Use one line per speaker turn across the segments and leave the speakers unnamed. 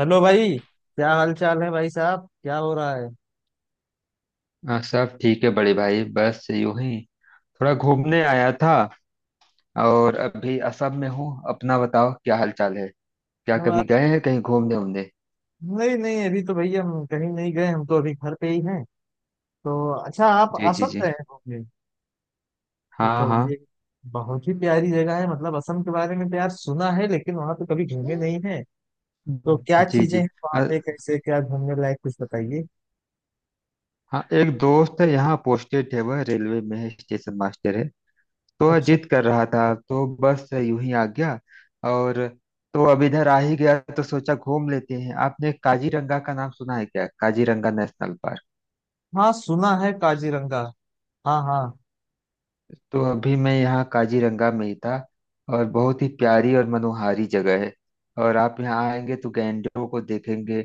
Hello भाई, क्या हाल चाल है। भाई साहब, क्या हो रहा है।
हाँ, सब ठीक है बड़े भाई। बस यूं ही थोड़ा घूमने आया था और अभी असम में हूँ। अपना बताओ क्या हालचाल है। क्या
हम आ-
कभी गए हैं कहीं घूमने उमने।
नहीं नहीं, अभी तो भैया हम कहीं नहीं गए। हम तो अभी घर पे ही हैं तो। अच्छा, आप
जी जी
असम
जी।
रहे होंगे। ये
हाँ
तो
हाँ।
भाई बहुत ही प्यारी जगह है। मतलब असम के बारे में तो यार सुना है, लेकिन वहां तो कभी घूमे नहीं है। तो क्या
जी
चीजें
जी।
हैं वहां
अ,
पे, कैसे क्या घूमने लायक, कुछ बताइए।
हाँ, एक दोस्त है यहाँ पोस्टेड है, वह रेलवे में है, स्टेशन मास्टर है। तो वह
अच्छा,
जिद कर रहा था तो बस यूं ही आ गया। और तो अब इधर आ ही गया तो सोचा घूम लेते हैं। आपने काजीरंगा का नाम सुना है क्या? Kaziranga national park.
हाँ सुना है काजीरंगा। हाँ हाँ।
तो अभी मैं यहाँ काजीरंगा में ही था। और बहुत ही प्यारी और मनोहारी जगह है। और आप यहाँ आएंगे तो गैंडों को देखेंगे।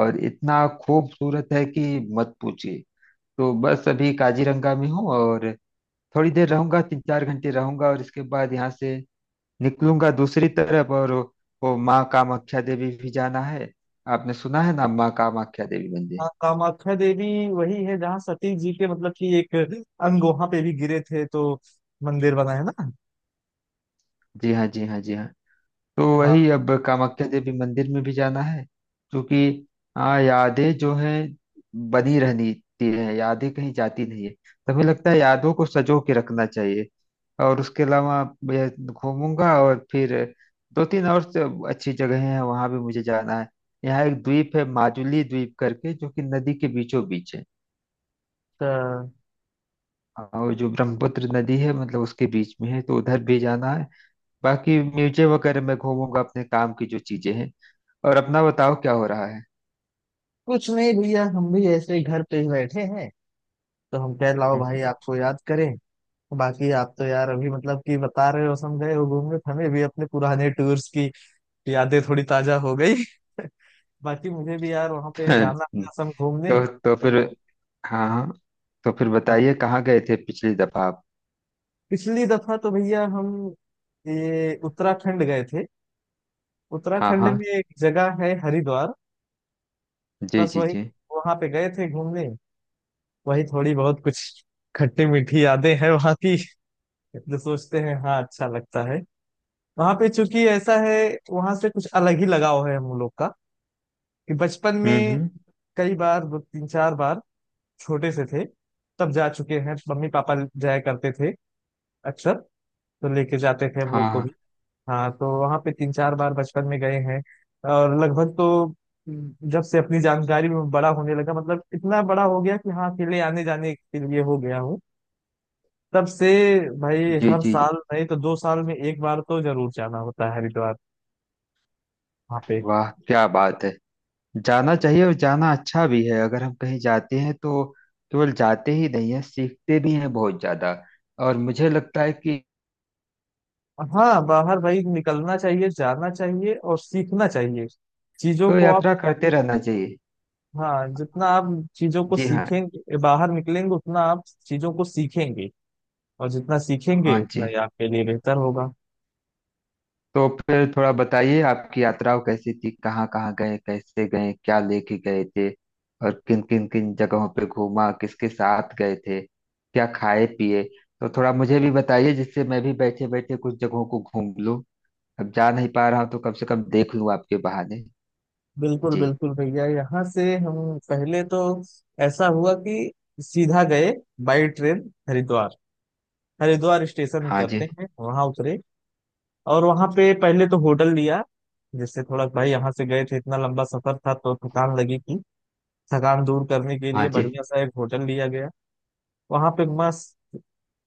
और इतना खूबसूरत है कि मत पूछिए। तो बस अभी काजीरंगा में हूँ और थोड़ी देर रहूंगा, तीन चार घंटे रहूंगा और इसके बाद यहाँ से निकलूंगा दूसरी तरफ। और वो माँ कामाख्या देवी भी जाना है। आपने सुना है ना, माँ कामाख्या देवी मंदिर।
हाँ कामाख्या देवी, वही है जहाँ सती जी के मतलब कि एक अंग वहां पे भी गिरे थे, तो मंदिर बना है ना।
जी हाँ जी हाँ जी हाँ। तो वही, अब कामाख्या देवी मंदिर में भी जाना है। क्योंकि हाँ, यादें जो हैं बनी रहनी है। यादें कहीं जाती नहीं है तो हमें लगता है यादों को सजो के रखना चाहिए। और उसके अलावा मैं घूमूंगा और फिर दो तीन और से अच्छी जगह हैं, वहां भी मुझे जाना है। यहाँ एक द्वीप है, माजुली द्वीप करके, जो कि नदी के बीचों बीच है।
तो
और जो ब्रह्मपुत्र नदी है, मतलब उसके बीच में है, तो उधर भी जाना है। बाकी म्यूजियम वगैरह में घूमूंगा, अपने काम की जो चीजें हैं। और अपना बताओ क्या हो रहा है।
कुछ नहीं भैया, हम भी ऐसे ही घर पे ही बैठे हैं। तो हम कह लाओ भाई,
हम्म।
आपको याद करें। बाकी आप तो यार अभी मतलब कि बता रहे हो, हम गए हो घूमने, तो हमें भी अपने पुराने टूर्स की यादें थोड़ी ताजा हो गई। बाकी मुझे भी यार वहां पे जाना था असम घूमने।
तो फिर। हाँ हाँ। तो फिर
हाँ।
बताइए कहाँ गए थे पिछली दफा आप।
पिछली दफा तो भैया हम ये उत्तराखंड गए थे।
हाँ।
उत्तराखंड
हाँ।
में एक जगह है हरिद्वार।
जी
बस
जी
वही,
जी।
वहां पे गए थे घूमने। वही थोड़ी बहुत कुछ खट्टी मीठी यादें हैं वहां की, तो सोचते हैं हाँ, अच्छा लगता है। वहां पे चूंकि ऐसा है, वहां से कुछ अलग ही लगाव है हम लोग का कि बचपन में
हम्म।
कई बार, दो तीन चार बार, छोटे से थे तब जा चुके हैं। मम्मी पापा जाया करते थे अक्सर, तो लेके जाते थे हम
हाँ
लोग को
हाँ।
भी। हाँ, तो वहां पे तीन चार बार बचपन में गए हैं। और लगभग तो जब से अपनी जानकारी में बड़ा होने लगा, मतलब इतना बड़ा हो गया कि हाँ अकेले आने जाने के लिए हो गया हूँ, तब से भाई
जी
हर
जी जी।
साल नहीं तो दो साल में एक बार तो जरूर जाना होता है हरिद्वार, वहाँ पे।
वाह, क्या बात है। जाना चाहिए और जाना अच्छा भी है। अगर हम कहीं जाते हैं तो केवल जाते ही नहीं है, सीखते भी हैं बहुत ज्यादा। और मुझे लगता है कि
हाँ, बाहर भाई निकलना चाहिए, जाना चाहिए और सीखना चाहिए चीजों
तो
को आप।
यात्रा करते रहना चाहिए।
हाँ, जितना आप चीजों को
जी हाँ।
सीखेंगे, बाहर निकलेंगे, उतना आप चीजों को सीखेंगे। और जितना
हाँ
सीखेंगे उतना
जी।
ही आपके लिए बेहतर होगा।
तो फिर थोड़ा बताइए, आपकी यात्राओं कैसी थी, कहाँ कहाँ गए, कैसे गए, क्या लेके गए थे और किन किन किन जगहों पे घूमा, किसके साथ गए थे, क्या खाए पिए। तो थोड़ा मुझे भी बताइए, जिससे मैं भी बैठे बैठे कुछ जगहों को घूम लूँ। अब जा नहीं पा रहा हूँ तो कम से कम देख लूँ आपके बहाने।
बिल्कुल
जी।
बिल्कुल भैया, यहाँ से हम पहले तो ऐसा हुआ कि सीधा गए, by train, Haridwar. Haridwar station
हाँ जी।
उतरते हैं, वहां उतरे। और वहां पे पहले तो होटल लिया, जिससे थोड़ा, भाई यहाँ से गए थे, इतना लंबा सफर था तो थकान लगी थी। थकान दूर करने के
हाँ
लिए
जी।
बढ़िया सा एक होटल लिया गया। वहां पे मस्त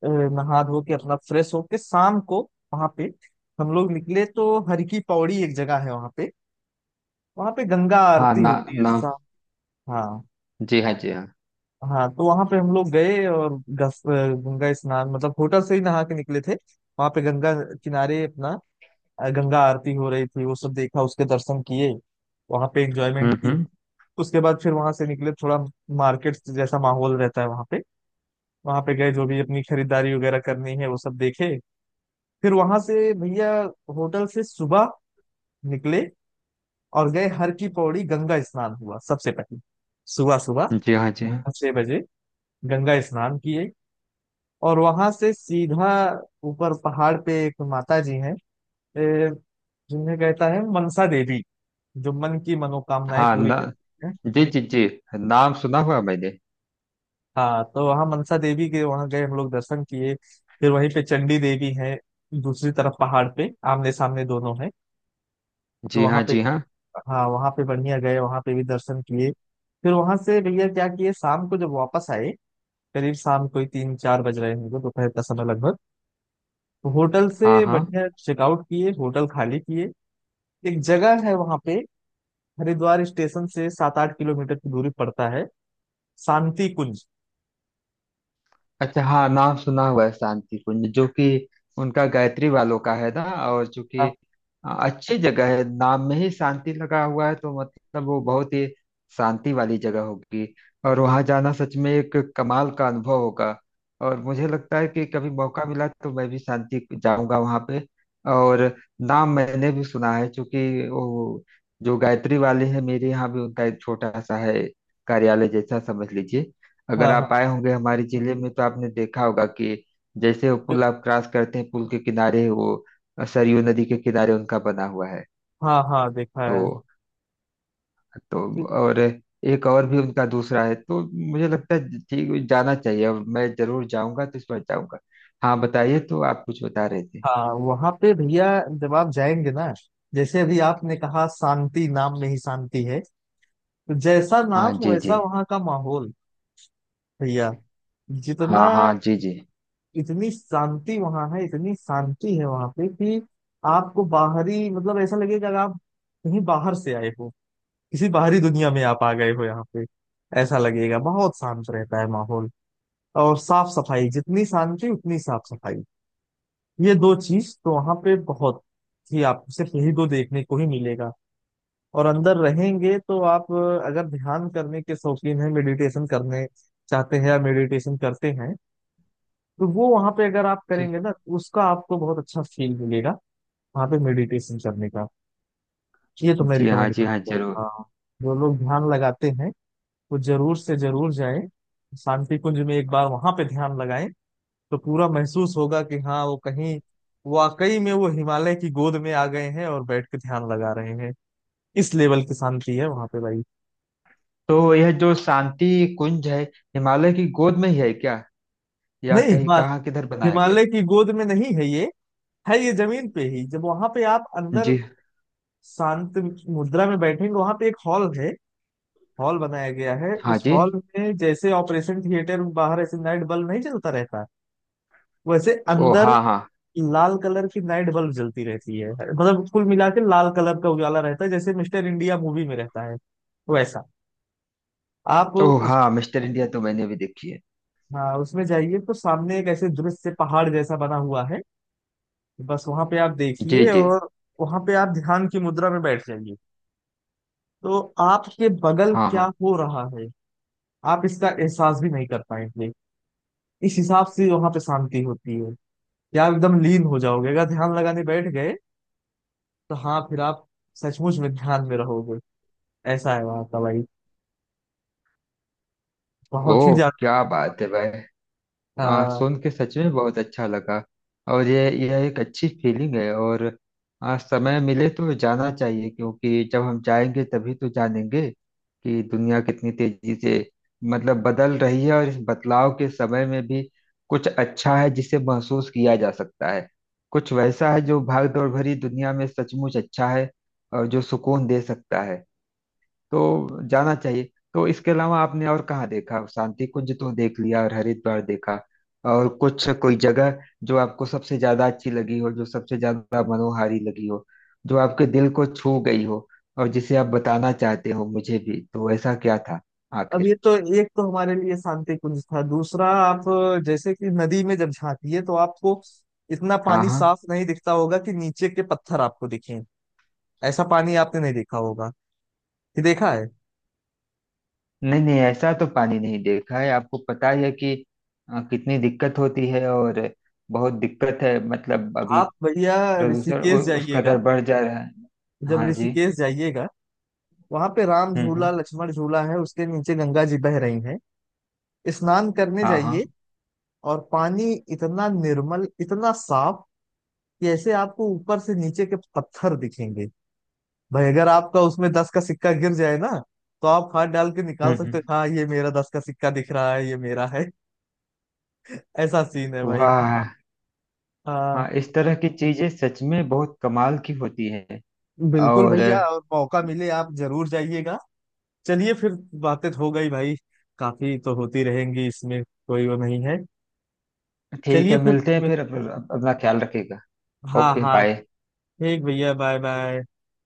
नहा धो के अपना फ्रेश होके शाम को वहां पे हम लोग निकले, तो हर की पौड़ी एक जगह है वहां पे। वहां पे गंगा
हाँ
आरती
ना
होती है
ना।
शाम। हाँ
जी हाँ जी हाँ।
हाँ। तो वहां पे हम लोग गए और गंगा स्नान, मतलब होटल से ही नहा के निकले थे। वहां पे गंगा किनारे अपना गंगा आरती हो रही थी, वो सब देखा, उसके दर्शन किए। वहां पे एंजॉयमेंट की।
हम्म।
उसके बाद फिर वहां से निकले, थोड़ा मार्केट जैसा माहौल रहता है वहां पे, वहां पे गए, जो भी अपनी खरीदारी वगैरह करनी है वो सब देखे। फिर वहां से भैया होटल से सुबह निकले और गए हर की पौड़ी, गंगा स्नान हुआ सबसे पहले सुबह सुबह
जी हाँ जी हाँ।
6 बजे, गंगा स्नान किए। और वहां से सीधा ऊपर पहाड़ पे एक माता जी हैं, ए, जिन्हें कहता है मनसा देवी, जो मन की मनोकामनाएं
हाँ
पूरी
ना।
करती हैं।
जी जी जी। नाम सुना हुआ मैंने।
हाँ, तो वहाँ मनसा देवी के वहाँ गए हम लोग, दर्शन किए। फिर वहीं पे चंडी देवी है, दूसरी तरफ पहाड़ पे, आमने सामने दोनों है। तो
जी
वहाँ
हाँ
पे
जी हाँ।
हाँ, वहाँ पे बढ़िया गए, वहाँ पे भी दर्शन किए। फिर वहां से भैया क्या किए, शाम को जब वापस आए, करीब शाम को ही तीन चार बज रहे होंगे, दोपहर का समय लगभग, तो होटल
हाँ
से
हाँ।
बढ़िया चेकआउट किए, होटल खाली किए। एक जगह है वहाँ पे, हरिद्वार स्टेशन से 7-8 किलोमीटर की दूरी पड़ता है, शांति कुंज।
अच्छा, हाँ, नाम सुना हुआ है शांति कुंज, जो कि उनका गायत्री वालों का है ना। और जो कि
हाँ
अच्छी जगह है। नाम में ही शांति लगा हुआ है तो मतलब वो बहुत ही शांति वाली जगह होगी। और वहाँ जाना सच में एक कमाल का अनुभव होगा। और मुझे लगता है कि कभी मौका मिला तो मैं भी शांति जाऊंगा वहाँ पे। और नाम मैंने भी सुना है क्योंकि वो जो गायत्री वाले हैं, मेरे यहाँ भी उनका एक छोटा सा है, कार्यालय जैसा समझ लीजिए। अगर
हाँ
आप
हाँ।
आए होंगे हमारे जिले में तो आपने देखा होगा कि जैसे वो पुल आप क्रॉस करते हैं, पुल के किनारे वो सरयू नदी के किनारे उनका बना हुआ है।
हाँ हाँ देखा है।
तो तो
कि-
और एक और भी उनका दूसरा है, तो मुझे लगता है ठीक, जाना चाहिए और मैं जरूर जाऊंगा, तो इस बार जाऊंगा। हाँ बताइए, तो आप कुछ बता रहे थे।
हाँ वहां पे भैया, जब आप जाएंगे ना, जैसे अभी आपने कहा शांति, नाम में ही शांति है, तो जैसा
हाँ
नाम
जी
वैसा
जी।
वहां का माहौल भैया। जितना,
हाँ हाँ जी जी।
इतनी शांति वहां है, इतनी शांति है वहां पे कि आपको बाहरी मतलब ऐसा लगेगा कि आप कहीं बाहर से आए हो, किसी बाहरी दुनिया में आप आ गए हो यहाँ पे, ऐसा लगेगा, बहुत शांत रहता है माहौल। और साफ सफाई, जितनी शांति उतनी साफ सफाई, ये दो चीज तो वहां पे बहुत ही, आपको सिर्फ यही दो देखने को ही मिलेगा। और अंदर रहेंगे तो आप अगर ध्यान करने के शौकीन हैं, मेडिटेशन करने चाहते हैं या मेडिटेशन करते हैं, तो वो वहां पे अगर आप
जी।
करेंगे ना, तो उसका आपको बहुत अच्छा फील मिलेगा वहां पे मेडिटेशन करने का। ये तो मैं
जी हाँ
रिकमेंड
जी हाँ
करूंगा
जरूर।
हाँ। जो लोग ध्यान लगाते हैं, वो जरूर से जरूर जाएं शांति कुंज में, एक बार वहां पे ध्यान लगाएं, तो पूरा महसूस होगा कि हाँ वो कहीं वाकई में वो हिमालय की गोद में आ गए हैं और बैठ के ध्यान लगा रहे हैं। इस लेवल की शांति है वहां पे भाई।
तो यह जो शांति कुंज है, हिमालय की गोद में ही है क्या, या
नहीं,
कहीं कहाँ किधर बनाया गया
हिमालय की गोद में नहीं है ये, है ये जमीन पे ही। जब वहां पे आप
है?
अंदर
जी।
शांत मुद्रा में बैठेंगे, वहां पे एक हॉल है, हॉल बनाया गया है,
हाँ
उस
जी।
हॉल में जैसे ऑपरेशन थिएटर में बाहर ऐसे नाइट बल्ब नहीं जलता रहता, वैसे
ओ
अंदर
हाँ हाँ।
लाल कलर की नाइट बल्ब जलती रहती है, मतलब कुल मिला के लाल कलर का उजाला रहता है, जैसे मिस्टर इंडिया मूवी में रहता है वैसा। आप
ओ
उस
हाँ, मिस्टर इंडिया तो मैंने भी देखी है।
हाँ उसमें जाइए तो सामने एक ऐसे दृश्य पहाड़ जैसा बना हुआ है, बस वहां पे आप
जी
देखिए
जी।
और वहां पे आप ध्यान की मुद्रा में बैठ जाइए, तो आपके बगल
हाँ
क्या
हाँ।
हो रहा है आप इसका एहसास भी नहीं कर पाएंगे। इस हिसाब से वहां पे शांति होती है। या आप एकदम लीन हो जाओगे, अगर ध्यान लगाने बैठ गए तो हाँ फिर आप सचमुच में ध्यान में रहोगे। ऐसा है वहां का भाई, बहुत ही
ओ,
ज्यादा।
क्या बात है भाई।
हाँ,
सुन के सच में बहुत अच्छा लगा। और ये, यह एक अच्छी फीलिंग है। और समय मिले तो जाना चाहिए, क्योंकि जब हम जाएंगे तभी तो जानेंगे कि दुनिया कितनी तेजी से मतलब बदल रही है। और इस बदलाव के समय में भी कुछ अच्छा है जिसे महसूस किया जा सकता है। कुछ वैसा है जो भागदौड़ भरी दुनिया में सचमुच अच्छा है और जो सुकून दे सकता है। तो जाना चाहिए। तो इसके अलावा आपने और कहाँ देखा? शांति कुंज तो देख लिया और हरिद्वार देखा, और कुछ कोई जगह जो आपको सबसे ज्यादा अच्छी लगी हो, जो सबसे ज्यादा मनोहारी लगी हो, जो आपके दिल को छू गई हो और जिसे आप बताना चाहते हो मुझे भी, तो ऐसा क्या था
अब ये
आखिर?
तो एक तो हमारे लिए शांति कुंज था, दूसरा आप जैसे कि नदी में जब झांकिए तो आपको इतना
हाँ
पानी
हाँ।
साफ नहीं दिखता होगा कि नीचे के पत्थर आपको दिखें। ऐसा पानी आपने नहीं देखा होगा, कि देखा है।
नहीं नहीं, ऐसा तो पानी नहीं देखा है। आपको पता ही है कि कितनी दिक्कत होती है, और बहुत दिक्कत है मतलब अभी
आप भैया
प्रदूषण
ऋषिकेश
उस कदर
जाइएगा,
बढ़ जा रहा है।
जब
हाँ जी।
ऋषिकेश जाइएगा, वहां पे राम झूला
हम्म।
लक्ष्मण झूला है, उसके नीचे गंगा जी बह रही हैं, स्नान करने
हाँ हाँ।
जाइए, और पानी इतना निर्मल, इतना साफ कि ऐसे आपको ऊपर से नीचे के पत्थर दिखेंगे। भाई अगर आपका उसमें 10 का सिक्का गिर जाए ना, तो आप हाथ डाल के निकाल सकते
हम्म।
हो, हाँ ये मेरा 10 का सिक्का दिख रहा है, ये मेरा है। ऐसा सीन है भाई।
वाह।
हाँ।
हाँ, इस तरह की चीजें सच में बहुत कमाल की होती है।
बिल्कुल
और
भैया, और मौका मिले आप जरूर जाइएगा। चलिए फिर, बातें तो हो गई भाई, काफी तो होती रहेंगी इसमें, कोई वो नहीं है।
ठीक
चलिए
है,
फिर,
मिलते हैं फिर। अपना ख्याल रखिएगा।
हाँ
ओके
हाँ,
बाय।
ठीक भैया, बाय बाय।